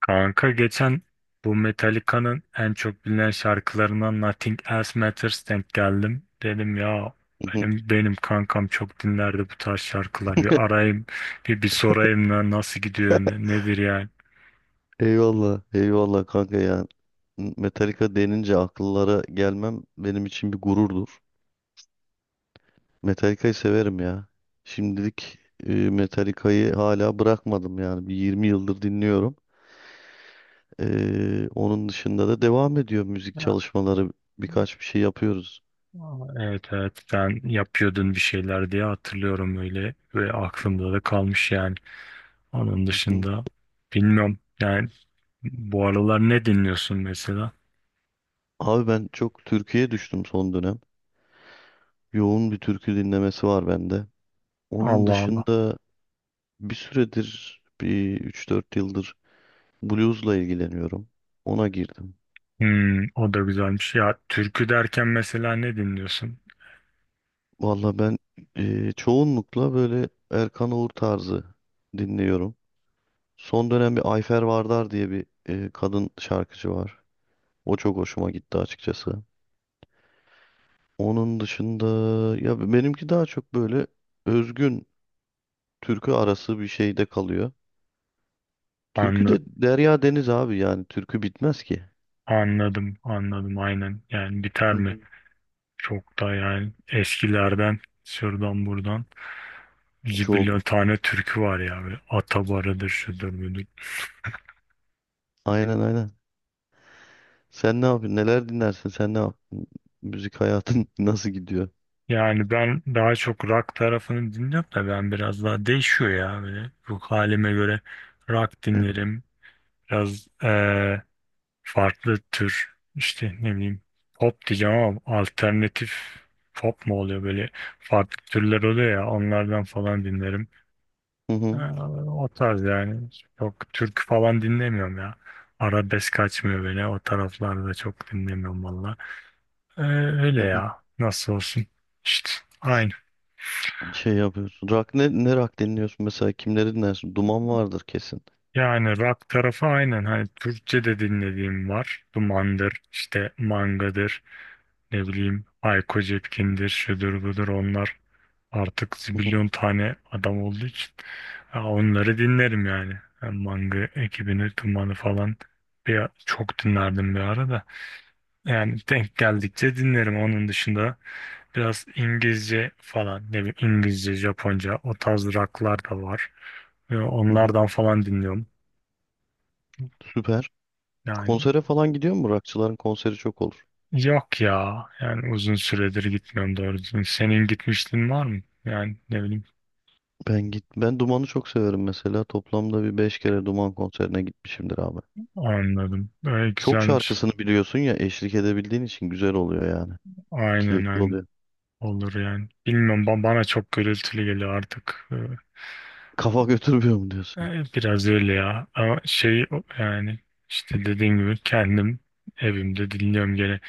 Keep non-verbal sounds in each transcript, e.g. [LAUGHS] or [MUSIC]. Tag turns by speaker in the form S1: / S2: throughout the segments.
S1: Kanka geçen bu Metallica'nın en çok bilinen şarkılarından Nothing Else Matters denk geldim. Dedim ya benim
S2: [LAUGHS]
S1: benim kankam çok dinlerdi bu tarz şarkılar. Bir arayayım bir sorayım lan nasıl gidiyor nedir yani?
S2: Eyvallah, eyvallah kanka ya. Metallica denince akıllara gelmem benim için bir gururdur. Metallica'yı severim ya. Şimdilik Metallica'yı hala bırakmadım yani. Bir 20 yıldır dinliyorum. Onun dışında da devam ediyor müzik
S1: Ya,
S2: çalışmaları. Birkaç bir şey yapıyoruz.
S1: evet evet sen yapıyordun bir şeyler diye hatırlıyorum öyle ve aklımda da kalmış yani. Onun
S2: [LAUGHS]
S1: dışında bilmiyorum yani bu aralar ne dinliyorsun mesela?
S2: Abi ben çok türküye düştüm son dönem. Yoğun bir türkü dinlemesi var bende. Onun
S1: Allah Allah.
S2: dışında bir 3 4 yıldır bluesla ilgileniyorum. Ona girdim.
S1: Hmm, o da güzelmiş. Ya türkü derken mesela ne dinliyorsun?
S2: Valla ben çoğunlukla böyle Erkan Oğur tarzı dinliyorum. Son dönem bir Ayfer Vardar diye bir kadın şarkıcı var. O çok hoşuma gitti açıkçası. Onun dışında ya benimki daha çok böyle özgün türkü arası bir şeyde kalıyor. Türkü
S1: Anlı,
S2: de derya deniz abi yani türkü bitmez ki.
S1: Anladım, anladım aynen. Yani biter
S2: Hı
S1: mi?
S2: hı.
S1: Çok da yani eskilerden şuradan buradan
S2: Çok.
S1: bir tane türkü var ya. Böyle Atabarı'dır, şudur budur.
S2: Aynen aynen. Sen ne yapıyorsun? Neler dinlersin? Sen ne yapıyorsun? Müzik hayatın [LAUGHS] nasıl gidiyor?
S1: Yani ben daha çok rock tarafını dinliyorum da ben biraz daha değişiyor ya. Böyle ruh halime göre rock
S2: Hı hı.
S1: dinlerim. Biraz farklı tür işte ne bileyim pop diyeceğim ama alternatif pop mu oluyor böyle farklı türler oluyor ya onlardan falan dinlerim.
S2: Hı
S1: Ee,
S2: hı.
S1: O tarz yani çok türkü falan dinlemiyorum ya. Arabesk kaçmıyor beni o taraflarda çok dinlemiyorum valla. Ee, Öyle
S2: Hı hı.
S1: ya nasıl olsun işte aynı.
S2: Şey yapıyorsun. Ne rock dinliyorsun mesela? Kimleri dinlersin? Duman vardır kesin.
S1: Yani rock tarafı aynen hani Türkçe de dinlediğim var. Dumandır, işte Manga'dır, ne bileyim Hayko Cepkin'dir, şudur budur onlar artık
S2: Hı hı.
S1: zibilyon tane adam olduğu için ha, onları dinlerim yani. Ben Manga ekibini, Tuman'ı falan çok dinlerdim bir ara da. Yani denk geldikçe dinlerim. Onun dışında biraz İngilizce falan, ne bileyim İngilizce, Japonca o tarz rocklar da var. Ve
S2: Hı hı.
S1: onlardan falan dinliyorum.
S2: Süper.
S1: Yani
S2: Konsere falan gidiyor mu? Rockçıların konseri çok olur.
S1: yok ya. Yani uzun süredir gitmiyorum doğru düzgün. Senin gitmişliğin var mı? Yani ne bileyim
S2: Ben Duman'ı çok severim mesela. Toplamda bir 5 kere Duman konserine gitmişimdir abi.
S1: anladım. Öyle
S2: Çok
S1: güzelmiş.
S2: şarkısını biliyorsun ya eşlik edebildiğin için güzel oluyor yani.
S1: Aynen
S2: Keyifli
S1: aynen.
S2: oluyor.
S1: Olur yani. Bilmiyorum bana çok gürültülü geliyor artık.
S2: Kafa [LAUGHS] götürmüyor mu diyorsun?
S1: Biraz öyle ya. Ama şey yani işte dediğim gibi kendim evimde dinliyorum gene.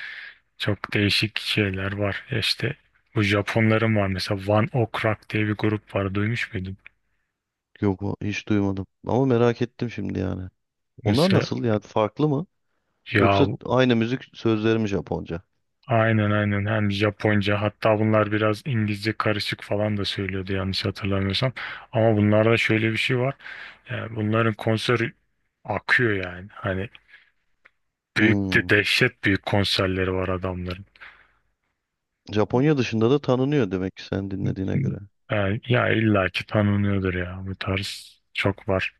S1: Çok değişik şeyler var. Ya İşte bu Japonların var mesela One Ok Rock diye bir grup var. Duymuş muydun?
S2: Yok hiç duymadım. Ama merak ettim şimdi yani. Onlar
S1: Mesela
S2: nasıl yani farklı mı?
S1: ya
S2: Yoksa aynı müzik sözleri mi Japonca?
S1: aynen aynen hem Japonca hatta bunlar biraz İngilizce karışık falan da söylüyordu yanlış hatırlamıyorsam. Ama bunlarda şöyle bir şey var. Yani bunların konseri akıyor yani. Hani büyük de
S2: Hmm.
S1: dehşet büyük konserleri var adamların.
S2: Japonya dışında da tanınıyor demek ki sen dinlediğine göre.
S1: Yani, ya illaki tanınıyordur ya. Bu tarz çok var.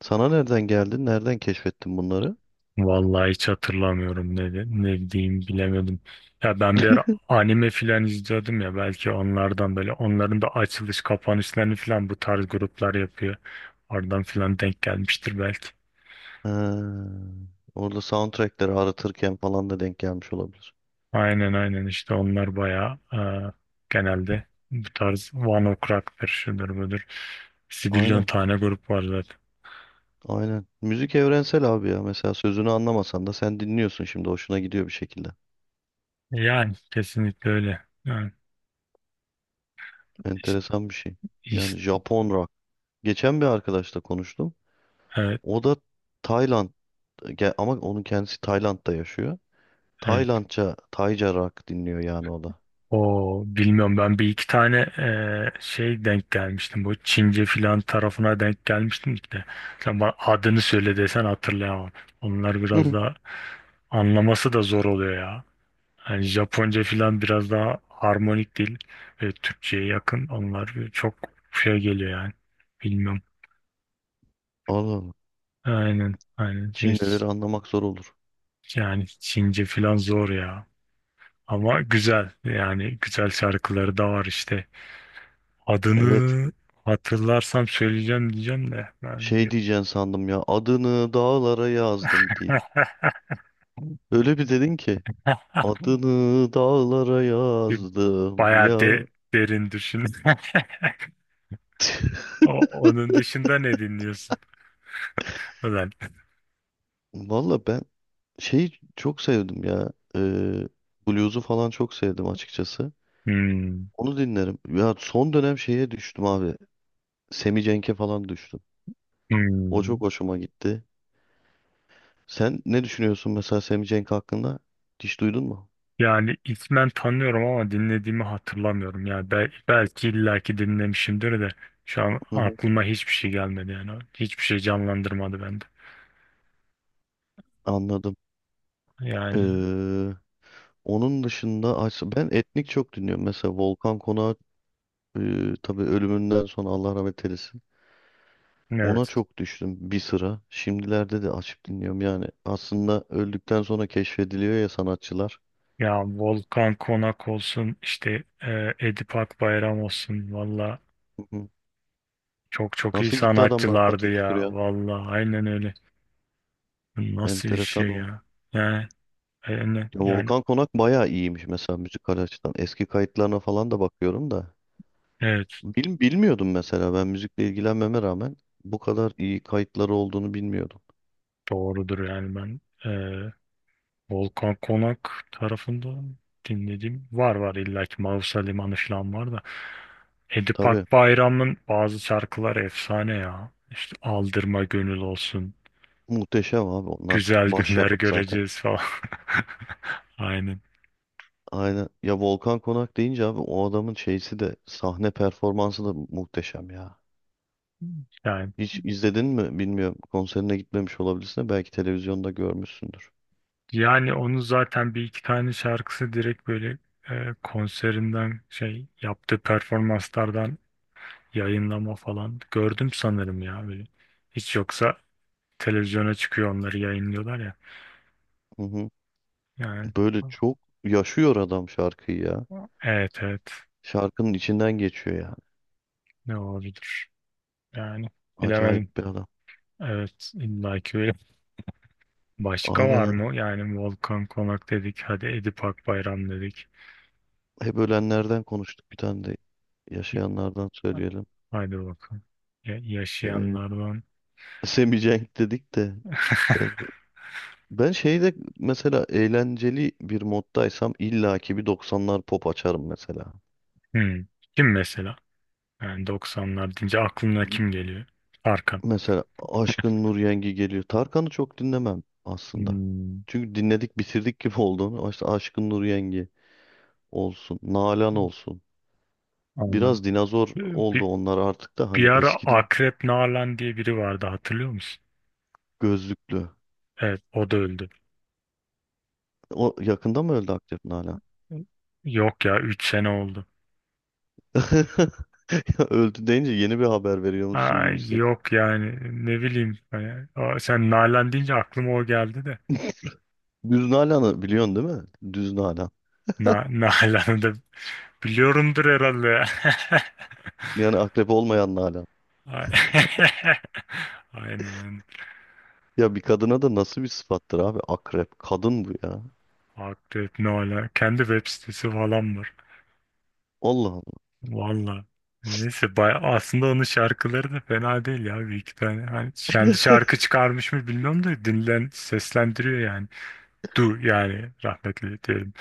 S2: Sana nereden geldin? Nereden keşfettin bunları?
S1: Vallahi hiç hatırlamıyorum ne diyeyim bilemedim. Ya ben bir ara anime filan izliyordum ya belki onlardan böyle onların da açılış kapanışlarını filan bu tarz gruplar yapıyor. Oradan filan denk gelmiştir belki.
S2: Ha, orada soundtrackleri aratırken falan da denk gelmiş olabilir.
S1: Aynen aynen işte onlar bayağı genelde bu tarz One Ok Rock'tır şudur budur. Zibilyon
S2: Aynen,
S1: tane grup var.
S2: aynen. Müzik evrensel abi ya. Mesela sözünü anlamasan da sen dinliyorsun şimdi. Hoşuna gidiyor bir şekilde.
S1: Yani kesinlikle öyle. Yani, iş-
S2: Enteresan bir şey.
S1: iş-
S2: Yani Japon rock. Geçen bir arkadaşla konuştum.
S1: evet,
S2: O da Tayland ama onun kendisi Tayland'da yaşıyor.
S1: evet.
S2: Taylandca, Tayca rock dinliyor yani o da.
S1: O bilmiyorum ben bir iki tane şey denk gelmiştim. Bu Çince filan tarafına denk gelmiştim işte. Sen bana adını söyle desen hatırlayamam. Onlar biraz
S2: Hı.
S1: daha anlaması da zor oluyor ya. Yani Japonca filan biraz daha harmonik değil. Ve Türkçe'ye yakın. Onlar çok şey geliyor yani. Bilmiyorum.
S2: Allah Allah.
S1: Aynen. Aynen. Şey,
S2: Çinlileri anlamak zor olur.
S1: yani Çince filan zor ya. Ama güzel yani güzel şarkıları da var işte.
S2: Evet.
S1: Adını hatırlarsam söyleyeceğim diyeceğim de ben
S2: Şey
S1: bir,
S2: diyeceksin sandım ya. Adını dağlara yazdım değil. Öyle bir dedin ki.
S1: [LAUGHS]
S2: Adını dağlara
S1: bir
S2: yazdım
S1: bayağı
S2: ya.
S1: derin düşün. [LAUGHS] Onun dışında ne dinliyorsun? Ulan.
S2: Valla ben şeyi çok sevdim ya. Blues'u falan çok sevdim açıkçası.
S1: Hmm,
S2: Onu dinlerim. Ya son dönem şeye düştüm abi. Semi Cenk'e falan düştüm. O
S1: hmm.
S2: çok hoşuma gitti. Sen ne düşünüyorsun mesela Semih Cenk hakkında? Hiç duydun mu?
S1: Yani ismen tanıyorum ama dinlediğimi hatırlamıyorum. Yani belki illaki dinlemişimdir de şu an
S2: Hı hı,
S1: aklıma hiçbir şey gelmedi yani. Hiçbir şey canlandırmadı bende.
S2: anladım.
S1: Yani
S2: Ee, Onun dışında ben etnik çok dinliyorum. Mesela Volkan Konak tabii ölümünden sonra Allah rahmet eylesin. Ona
S1: evet.
S2: çok düştüm bir sıra. Şimdilerde de açıp dinliyorum. Yani aslında öldükten sonra keşfediliyor ya sanatçılar.
S1: Ya Volkan Konak olsun işte Edip Akbayram olsun valla
S2: Hı hı.
S1: çok çok iyi
S2: Nasıl gitti adamlar
S1: sanatçılardı
S2: patır kütür
S1: ya
S2: ya?
S1: valla aynen öyle. Bu nasıl bir
S2: Enteresan
S1: şey
S2: oldu.
S1: ya yani yani,
S2: Ya
S1: yani
S2: Volkan Konak bayağı iyiymiş mesela müzikal açıdan. Eski kayıtlarına falan da bakıyorum da.
S1: evet
S2: Bilmiyordum mesela ben müzikle ilgilenmeme rağmen bu kadar iyi kayıtları olduğunu bilmiyordum.
S1: doğrudur yani ben e, Volkan Konak tarafından dinlediğim var illa ki Mausa Limanı falan var da Edip
S2: Tabii
S1: Akbayram'ın bazı şarkıları efsane ya İşte Aldırma Gönül olsun
S2: muhteşem abi onlar.
S1: güzel günler
S2: Başyapıt zaten.
S1: göreceğiz falan. [LAUGHS] Aynen.
S2: Aynen. Ya Volkan Konak deyince abi o adamın şeysi de sahne performansı da muhteşem ya.
S1: Yani,
S2: Hiç izledin mi bilmiyorum. Konserine gitmemiş olabilirsin de belki televizyonda görmüşsündür.
S1: yani onu zaten bir iki tane şarkısı direkt böyle konserinden şey yaptığı performanslardan yayınlama falan gördüm sanırım ya böyle. Hiç yoksa televizyona çıkıyor onları yayınlıyorlar ya.
S2: Hı hı.
S1: Yani
S2: Böyle çok yaşıyor adam şarkıyı ya.
S1: evet evet
S2: Şarkının içinden geçiyor yani.
S1: ne olabilir yani bilemedim.
S2: Acayip bir adam.
S1: Evet illa ki öyle. Başka
S2: Aynen
S1: var
S2: öyle.
S1: mı? Yani Volkan Konak dedik hadi Edip Akbayram dedik.
S2: Hep ölenlerden konuştuk. Bir tane de yaşayanlardan
S1: Ha.
S2: söyleyelim.
S1: Haydi bakalım.
S2: Ee,
S1: Yaşayanlardan.
S2: [LAUGHS] Semih Cenk dedik de ben Ben şeyde mesela eğlenceli bir moddaysam illaki bir 90'lar pop açarım mesela.
S1: Hmm. Kim mesela? Yani doksanlar deyince aklına kim geliyor? Tarkan.
S2: Mesela Aşkın Nur Yengi geliyor. Tarkan'ı çok dinlemem aslında.
S1: Hmm.
S2: Çünkü dinledik bitirdik gibi [LAUGHS] olduğunu. İşte Aşkın Nur Yengi olsun. Nalan olsun.
S1: Anladım.
S2: Biraz dinozor oldu
S1: Bir,
S2: onlar artık da
S1: bir
S2: hani
S1: ara
S2: eskidi
S1: Akrep Nalan diye biri vardı hatırlıyor musun?
S2: gözlüklü.
S1: Evet o da öldü.
S2: O yakında mı öldü aktif Nalan?
S1: Yok ya 3 sene oldu.
S2: [LAUGHS] Ya öldü deyince yeni bir haber veriyor musun gibi
S1: Ay,
S2: hissediyorum.
S1: yok yani ne bileyim. Hani, sen Nalan deyince aklıma o geldi de.
S2: Düz Nalan'ı biliyorsun değil mi? Düz Nalan.
S1: [LAUGHS] Nalan'ı da biliyorumdur herhalde.
S2: Yani akrep olmayan Nalan.
S1: [LAUGHS] Ay- [LAUGHS] Aynen aynen.
S2: Ya bir kadına da nasıl bir sıfattır abi? Akrep. Kadın bu ya.
S1: Akrep ne ala. Kendi web sitesi falan var.
S2: Allah Allah.
S1: Valla. Neyse baya aslında onun şarkıları da fena değil ya bir iki tane. Hani kendi şarkı çıkarmış mı bilmiyorum da dinlen seslendiriyor yani. Yani rahmetli diyelim.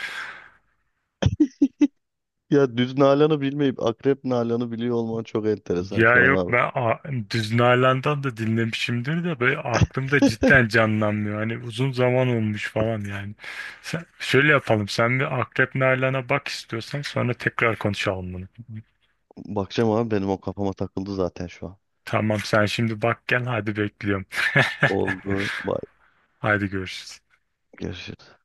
S2: Ya düz Nalan'ı bilmeyip akrep Nalan'ı biliyor olman çok enteresan
S1: Ya
S2: şu an
S1: yok
S2: abi.
S1: ben Düz Nalan'dan da dinlemişimdir de böyle aklımda cidden canlanmıyor. Hani uzun zaman olmuş falan yani. Sen, şöyle yapalım sen bir Akrep Nalan'a bak istiyorsan sonra tekrar konuşalım bunu.
S2: Bakacağım abi benim o kafama takıldı zaten şu an.
S1: Tamam sen şimdi bak gel hadi bekliyorum. [LAUGHS]
S2: Oldu. Bye.
S1: Hadi görüşürüz.
S2: Görüşürüz.